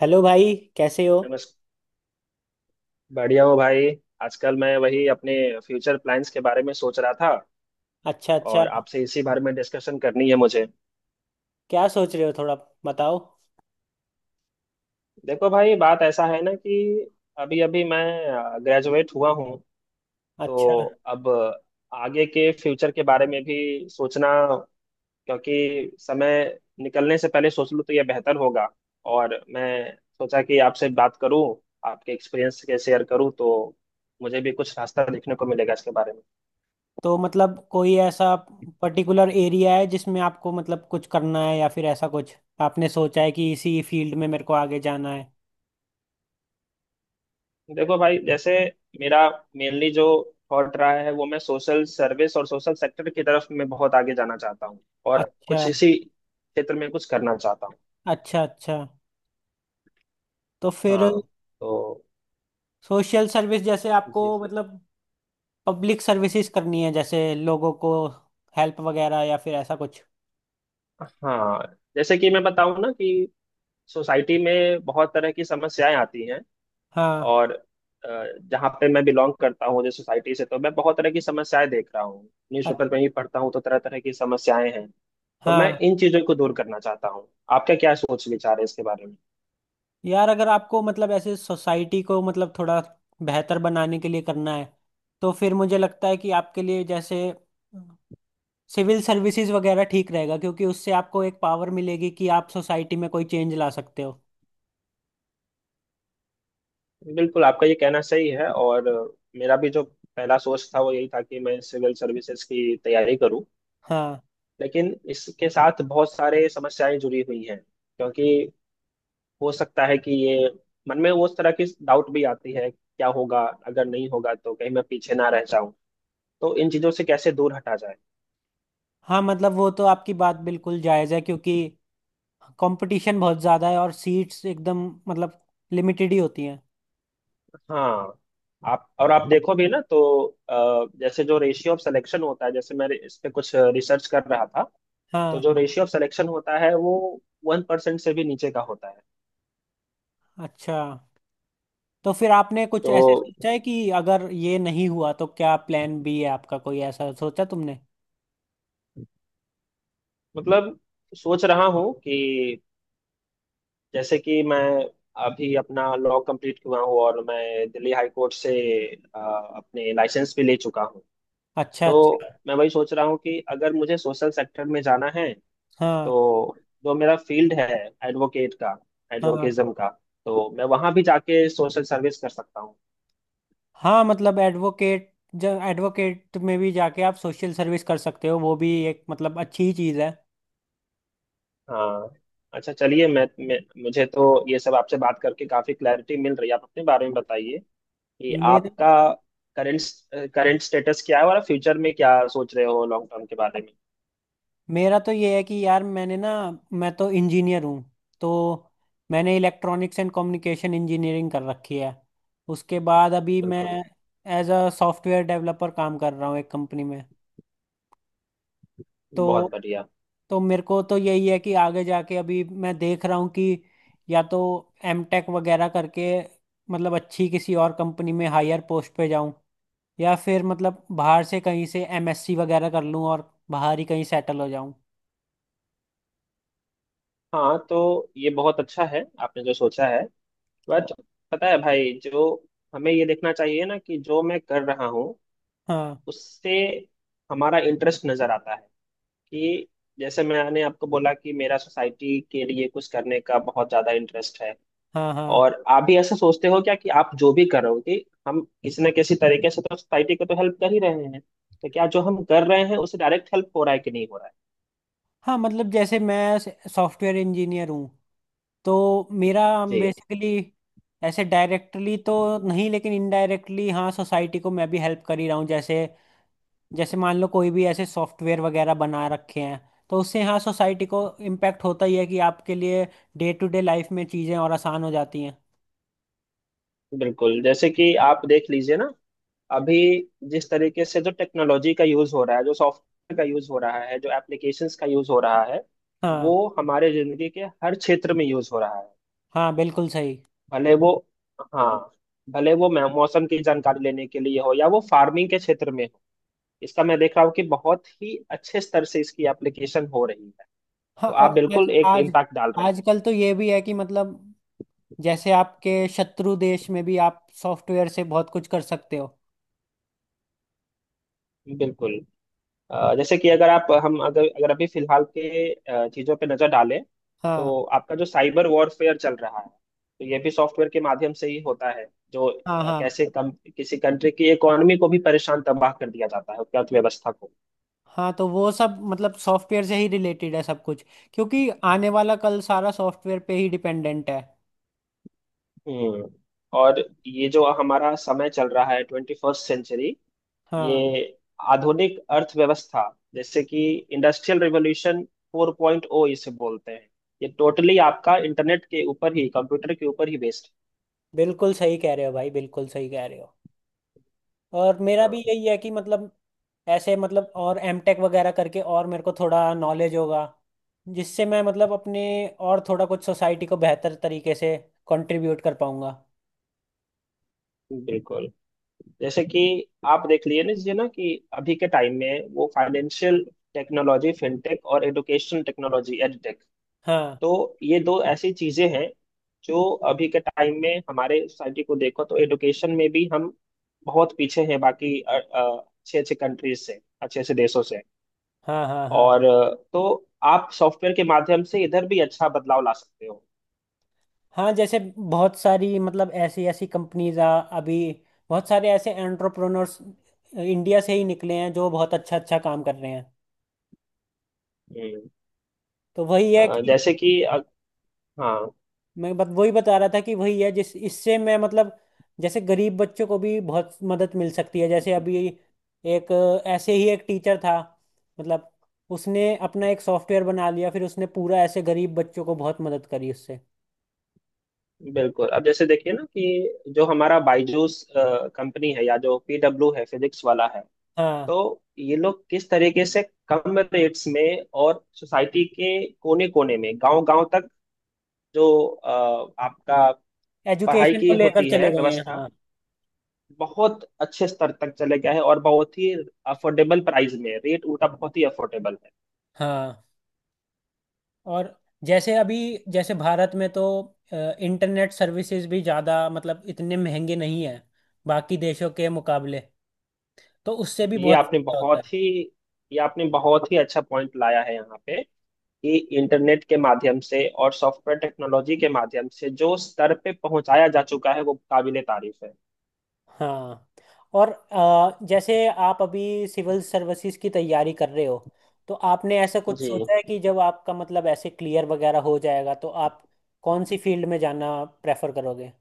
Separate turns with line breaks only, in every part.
Hello भाई, कैसे हो?
बस बढ़िया हो भाई। आजकल मैं वही अपने फ्यूचर प्लान्स के बारे में सोच रहा था
अच्छा, अच्छा।
और आपसे इसी बारे में डिस्कशन करनी है मुझे।
क्या सोच रहे हो? थोड़ा बताओ।
देखो भाई बात ऐसा है ना कि अभी अभी मैं ग्रेजुएट हुआ हूँ।
अच्छा।
तो अब आगे के फ्यूचर के बारे में भी सोचना, क्योंकि समय निकलने से पहले सोच लूँ तो यह बेहतर होगा। और मैं सोचा कि आपसे बात करूँ, आपके एक्सपीरियंस के शेयर करूँ तो मुझे भी कुछ रास्ता देखने को मिलेगा इसके बारे में।
तो मतलब कोई ऐसा पर्टिकुलर एरिया है जिसमें आपको मतलब कुछ करना है, या फिर ऐसा कुछ आपने सोचा है कि इसी फील्ड में मेरे को आगे जाना है?
देखो भाई, जैसे मेरा मेनली जो थॉट रहा है वो मैं सोशल सर्विस और सोशल सेक्टर की तरफ मैं बहुत आगे जाना चाहता हूँ और
अच्छा,
कुछ इसी क्षेत्र में कुछ करना चाहता हूँ।
अच्छा, अच्छा। तो फिर।
हाँ तो
सोशल सर्विस, जैसे आपको
जी।
मतलब पब्लिक सर्विसेज करनी है जैसे लोगों को हेल्प वगैरह, या फिर ऐसा कुछ?
हाँ, जैसे कि मैं बताऊँ ना कि सोसाइटी में बहुत तरह की समस्याएं आती हैं।
हाँ।
और अ, जहाँ पे मैं बिलोंग करता हूँ, जिस सोसाइटी से, तो मैं बहुत तरह की समस्याएं देख रहा हूँ।
अ-
न्यूज़पेपर में ही पढ़ता हूँ तो तरह तरह की समस्याएं हैं। तो मैं
हाँ।
इन चीजों को दूर करना चाहता हूँ। आपका क्या सोच विचार है इसके बारे में?
यार, अगर आपको मतलब ऐसे सोसाइटी को मतलब थोड़ा बेहतर बनाने के लिए करना है तो फिर मुझे लगता है कि आपके लिए जैसे सिविल सर्विसेज वगैरह ठीक रहेगा, क्योंकि उससे आपको एक पावर मिलेगी कि आप सोसाइटी में कोई चेंज ला सकते हो।
बिल्कुल, आपका ये कहना सही है। और मेरा भी जो पहला सोच था वो यही था कि मैं सिविल सर्विसेज की तैयारी करूं।
हाँ,
लेकिन इसके साथ बहुत सारे समस्याएं जुड़ी हुई हैं, क्योंकि हो सकता है कि ये मन में उस तरह की डाउट भी आती है, क्या होगा अगर नहीं होगा तो कहीं मैं पीछे ना रह जाऊं। तो इन चीजों से कैसे दूर हटा जाए?
हाँ, मतलब वो तो आपकी बात बिल्कुल जायज़ है, क्योंकि कंपटीशन बहुत ज़्यादा है और सीट्स एकदम मतलब लिमिटेड ही होती हैं।
हाँ, आप और आप देखो भी ना तो जैसे जो रेशियो ऑफ सिलेक्शन होता है, जैसे मैं इस पे कुछ रिसर्च कर रहा था। तो
हाँ।
जो रेशियो ऑफ सिलेक्शन होता है वो 1% से भी नीचे का होता है।
अच्छा। तो फिर आपने कुछ
तो
ऐसे सोचा है कि अगर ये नहीं हुआ तो क्या प्लान बी है आपका? कोई ऐसा सोचा तुमने?
मतलब सोच रहा हूँ कि जैसे कि मैं अभी अपना लॉ कंप्लीट हुआ हूँ और मैं दिल्ली हाई कोर्ट से अ, अपने लाइसेंस भी ले चुका हूँ।
अच्छा,
तो
अच्छा।
मैं वही सोच रहा हूँ कि अगर मुझे सोशल सेक्टर में जाना है
हाँ,
तो जो मेरा फील्ड है, एडवोकेट का
हाँ,
एडवोकेज्म का, तो मैं वहां भी जाके सोशल सर्विस कर सकता हूँ।
हाँ, मतलब एडवोकेट, जब एडवोकेट में भी जाके आप सोशल सर्विस कर सकते हो वो भी एक मतलब अच्छी ही चीज़ है।
हाँ, अच्छा, चलिए मैं मुझे तो ये सब आपसे बात करके काफी क्लैरिटी मिल रही है। आप अपने बारे में बताइए कि
मेरा
आपका करंट करंट स्टेटस क्या है और फ्यूचर में क्या सोच रहे हो लॉन्ग टर्म के बारे में?
मेरा तो ये है कि यार, मैंने ना, मैं तो इंजीनियर हूँ। तो मैंने इलेक्ट्रॉनिक्स एंड कम्युनिकेशन इंजीनियरिंग कर रखी है। उसके बाद अभी मैं
बिल्कुल।
एज अ सॉफ्टवेयर डेवलपर काम कर रहा हूँ एक कंपनी में।
बहुत
तो
बढ़िया।
तो मेरे को तो यही है कि आगे जाके अभी मैं देख रहा हूँ कि या तो एम टेक वगैरह करके मतलब अच्छी किसी और कंपनी में हायर पोस्ट पे जाऊँ, या फिर मतलब बाहर से कहीं से एमएससी वगैरह कर लूँ और बाहर ही कहीं सेटल हो जाऊँ।
हाँ तो ये बहुत अच्छा है आपने जो सोचा है। बट पता है भाई जो, हमें ये देखना चाहिए ना कि जो मैं कर रहा हूँ
हाँ,
उससे हमारा इंटरेस्ट नजर आता है कि, जैसे मैंने आपको बोला कि मेरा सोसाइटी के लिए कुछ करने का बहुत ज्यादा इंटरेस्ट है।
हाँ, हाँ,
और आप भी ऐसा सोचते हो क्या कि आप जो भी कर रहे हो, कि हम किसी न किसी तरीके से तो सोसाइटी को तो हेल्प कर ही रहे हैं, तो क्या जो हम कर रहे हैं उससे डायरेक्ट हेल्प हो रहा है कि नहीं हो रहा है?
हाँ, मतलब जैसे मैं सॉफ्टवेयर इंजीनियर हूँ, तो मेरा
जी।
बेसिकली ऐसे डायरेक्टली तो नहीं, लेकिन इनडायरेक्टली हाँ सोसाइटी को मैं भी हेल्प कर ही रहा हूँ। जैसे जैसे मान लो कोई भी ऐसे सॉफ्टवेयर वगैरह बना रखे हैं, तो उससे हाँ सोसाइटी को इम्पैक्ट होता ही है कि आपके लिए डे टू डे लाइफ में चीज़ें और आसान हो जाती हैं।
बिल्कुल, जैसे कि आप देख लीजिए ना, अभी जिस तरीके से जो टेक्नोलॉजी का यूज हो रहा है, जो सॉफ्टवेयर का यूज हो रहा है, जो एप्लीकेशंस का यूज हो रहा है,
हाँ,
वो हमारे जिंदगी के हर क्षेत्र में यूज हो रहा है।
हाँ, बिल्कुल सही।
भले वो हाँ, भले वो मौसम की जानकारी लेने के लिए हो या वो फार्मिंग के क्षेत्र में हो। इसका मैं देख रहा हूँ कि बहुत ही अच्छे स्तर से इसकी एप्लीकेशन हो रही है।
हाँ,
तो आप
और आज
बिल्कुल एक
आज
इम्पैक्ट डाल रहे
आजकल तो ये भी है कि मतलब जैसे आपके शत्रु देश में भी आप सॉफ्टवेयर से बहुत कुछ कर सकते हो।
हैं। बिल्कुल। जैसे कि अगर आप हम अगर अगर अभी फिलहाल के चीजों पे नजर डालें
हाँ,
तो आपका जो साइबर वॉरफेयर चल रहा है, तो ये भी सॉफ्टवेयर के माध्यम से ही होता है। जो
हाँ, हाँ,
कैसे कम किसी कंट्री की इकोनॉमी को भी परेशान तबाह कर दिया जाता है, उसकी अर्थव्यवस्था को।
हाँ, तो वो सब मतलब सॉफ्टवेयर से ही रिलेटेड है सब कुछ, क्योंकि आने वाला कल सारा सॉफ्टवेयर पे ही डिपेंडेंट है।
हम्म। और ये जो हमारा समय चल रहा है, 21st सेंचुरी, ये
हाँ,
आधुनिक अर्थव्यवस्था, जैसे कि इंडस्ट्रियल रिवॉल्यूशन 4.0 इसे बोलते हैं, ये टोटली आपका इंटरनेट के ऊपर ही, कंप्यूटर के ऊपर ही बेस्ड।
बिल्कुल सही कह रहे हो भाई, बिल्कुल सही कह रहे हो। और मेरा भी
हाँ,
यही है कि मतलब ऐसे मतलब और एमटेक वगैरह करके और मेरे को थोड़ा नॉलेज होगा, जिससे मैं मतलब अपने और थोड़ा कुछ सोसाइटी को बेहतर तरीके से कंट्रीब्यूट कर पाऊंगा।
बिल्कुल, जैसे कि आप देख लिए ना जी ना कि अभी के टाइम में वो फाइनेंशियल टेक्नोलॉजी, फिनटेक, और एडुकेशन टेक्नोलॉजी, एडटेक,
हाँ,
तो ये दो ऐसी चीजें हैं जो अभी के टाइम में हमारे सोसाइटी को देखो तो एडुकेशन में भी हम बहुत पीछे हैं बाकी अच्छे अच्छे कंट्रीज से, अच्छे अच्छे देशों से।
हाँ, हाँ, हाँ,
और तो आप सॉफ्टवेयर के माध्यम से इधर भी अच्छा बदलाव ला सकते हो।
हाँ, जैसे बहुत सारी मतलब ऐसी ऐसी कंपनीज आ अभी बहुत सारे ऐसे एंटरप्रेन्योर्स इंडिया से ही निकले हैं जो बहुत अच्छा अच्छा काम कर रहे हैं।
हम्म।
तो वही है
अ,
कि
जैसे कि अ, हाँ।
मैं बत वही बता रहा था कि वही है जिस इससे मैं मतलब जैसे गरीब बच्चों को भी बहुत मदद मिल सकती है, जैसे अभी ऐसे ही एक टीचर था, मतलब उसने अपना एक सॉफ्टवेयर बना लिया फिर उसने पूरा ऐसे गरीब बच्चों को बहुत मदद करी उससे।
बिल्कुल, अब जैसे देखिए ना कि जो हमारा बायजूस कंपनी है या जो पीडब्ल्यू है, फिजिक्स वाला है,
हाँ,
तो ये लोग किस तरीके से कम रेट्स में और सोसाइटी के कोने कोने में, गांव गांव तक, जो आपका पढ़ाई
एजुकेशन को
की
लेकर
होती है
चले गए हैं,
व्यवस्था,
हाँ।
बहुत अच्छे स्तर तक चले गया है। और बहुत ही अफोर्डेबल प्राइस में, रेट उनका बहुत ही अफोर्डेबल है।
हाँ, और जैसे अभी जैसे भारत में तो इंटरनेट सर्विसेज भी ज़्यादा मतलब इतने महंगे नहीं है बाकी देशों के मुकाबले, तो उससे भी
ये
बहुत
आपने
फायदा होता है।
बहुत ही ये आपने बहुत ही अच्छा पॉइंट लाया है यहाँ पे, कि इंटरनेट के माध्यम से और सॉफ्टवेयर टेक्नोलॉजी के माध्यम से जो स्तर पे पहुंचाया जा चुका है वो काबिले तारीफ है।
हाँ, और जैसे आप अभी सिविल सर्विसेज की तैयारी कर रहे हो, तो आपने ऐसा कुछ
जी।
सोचा है कि जब आपका मतलब ऐसे क्लियर वगैरह हो जाएगा तो आप कौन सी फील्ड में जाना प्रेफर करोगे?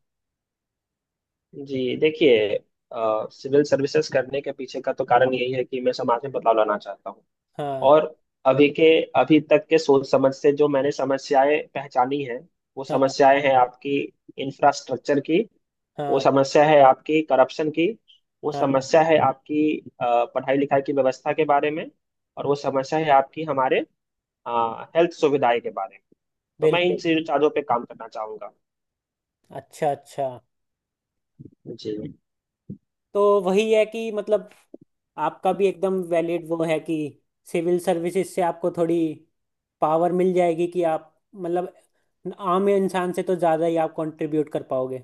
जी, देखिए, सिविल सर्विसेज करने के पीछे का तो कारण यही है कि मैं समाज में बदलाव लाना चाहता हूँ।
हाँ,
और अभी के अभी तक के सोच समझ से जो मैंने समस्याएं पहचानी हैं, वो
हाँ,
समस्याएं हैं आपकी इंफ्रास्ट्रक्चर की। वो
हाँ,
समस्या है आपकी करप्शन की। वो
हाँ,
समस्या है आपकी पढ़ाई लिखाई की व्यवस्था के बारे में। और वो समस्या है आपकी हमारे हेल्थ सुविधाएं के बारे में। तो मैं इन
बिल्कुल।
चीजों चारों पे काम करना चाहूंगा।
अच्छा, अच्छा।
जी।
तो वही है कि मतलब आपका भी एकदम वैलिड वो है कि सिविल सर्विसेज से आपको थोड़ी पावर मिल जाएगी कि आप मतलब आम इंसान से तो ज़्यादा ही आप कंट्रीब्यूट कर पाओगे।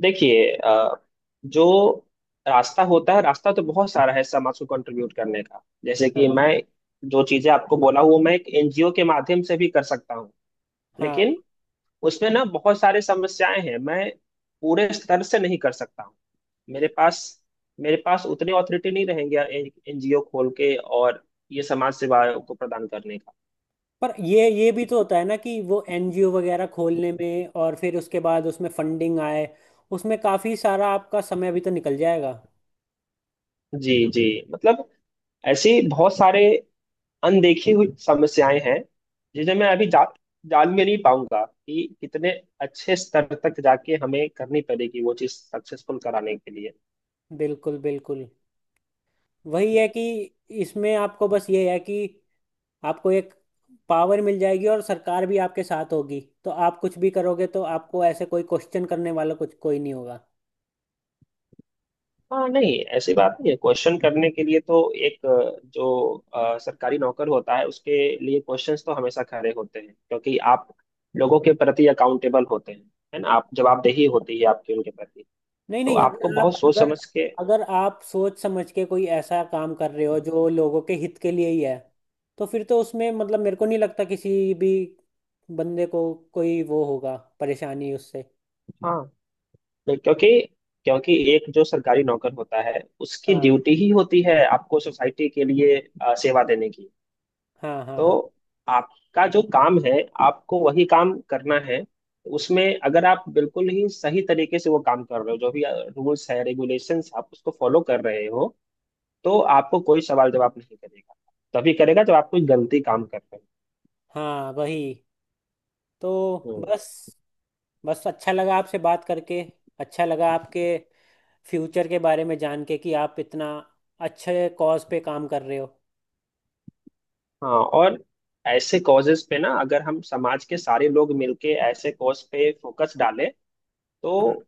देखिए जो रास्ता होता है, रास्ता तो बहुत सारा है समाज को कंट्रीब्यूट करने का, जैसे कि
हाँ,
मैं जो चीजें आपको बोला हूँ, मैं एक एनजीओ के माध्यम से भी कर सकता हूँ।
हाँ।
लेकिन उसमें ना बहुत सारी समस्याएं हैं, मैं पूरे स्तर से नहीं कर सकता हूँ। मेरे पास मेरे पास उतनी ऑथोरिटी नहीं रहेंगे एनजीओ खोल के और ये समाज सेवा को प्रदान करने का।
पर ये भी तो होता है ना कि वो एनजीओ वगैरह खोलने में और फिर उसके बाद उसमें फंडिंग आए, उसमें काफी सारा आपका समय भी तो निकल जाएगा।
जी। जी, मतलब ऐसी बहुत सारे अनदेखी हुई समस्याएं हैं, जिन्हें मैं अभी जान भी नहीं पाऊंगा कि कितने अच्छे स्तर तक जाके हमें करनी पड़ेगी वो चीज सक्सेसफुल कराने के लिए।
बिल्कुल, बिल्कुल। वही है कि इसमें आपको बस ये है कि आपको एक पावर मिल जाएगी और सरकार भी आपके साथ होगी तो आप कुछ भी करोगे तो आपको ऐसे कोई क्वेश्चन करने वाला कुछ कोई नहीं होगा।
हाँ, नहीं ऐसी बात नहीं है। क्वेश्चन करने के लिए तो एक जो सरकारी नौकर होता है उसके लिए क्वेश्चंस तो हमेशा खड़े होते हैं, क्योंकि आप लोगों के प्रति अकाउंटेबल होते हैं। है ना, आप, जवाबदेही होती है आपकी उनके प्रति।
नहीं,
तो
नहीं,
आपको
अगर आप
बहुत सोच
अगर
समझ के।
अगर आप सोच समझ के कोई ऐसा काम कर रहे हो जो लोगों के हित के लिए ही है तो फिर तो उसमें मतलब मेरे को नहीं लगता किसी भी बंदे को कोई वो होगा परेशानी उससे।
हाँ, नहीं, क्योंकि क्योंकि एक जो सरकारी नौकर होता है, उसकी
हाँ,
ड्यूटी ही होती है आपको सोसाइटी के लिए सेवा देने की।
हाँ, हाँ, हाँ,
तो आपका जो काम है, आपको वही काम करना है। उसमें अगर आप बिल्कुल ही सही तरीके से वो काम कर रहे हो, जो भी रूल्स है रेगुलेशंस आप उसको फॉलो कर रहे हो, तो आपको कोई सवाल जवाब नहीं करेगा। तभी करेगा जब आप कोई गलती काम कर रहे
हाँ, वही, तो
हो।
बस। बस अच्छा लगा आपसे बात करके, अच्छा लगा आपके फ्यूचर के बारे में जान के कि आप इतना अच्छे कॉज पे काम कर रहे हो।
हाँ। और ऐसे कॉजेस पे ना, अगर हम समाज के सारे लोग मिलके ऐसे कॉज पे फोकस डालें,
हाँ,
तो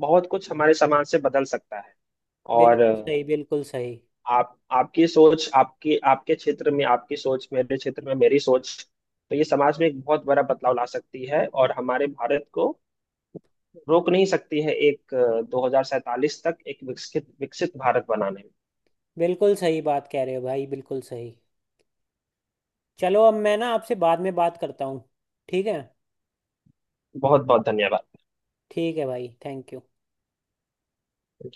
बहुत कुछ हमारे समाज से बदल सकता है। और
बिल्कुल सही, बिल्कुल सही।
आप आपकी सोच, आपकी, आपके क्षेत्र में आपकी सोच, मेरे क्षेत्र में मेरी सोच, तो ये समाज में एक बहुत बड़ा बदलाव ला सकती है, और हमारे भारत को रोक नहीं सकती है एक 2047 तक एक विकसित विकसित भारत बनाने में।
बिल्कुल सही बात कह रहे हो भाई, बिल्कुल सही। चलो, अब मैं ना आपसे बाद में बात करता हूँ। ठीक है?
बहुत बहुत धन्यवाद।
ठीक है भाई, थैंक यू।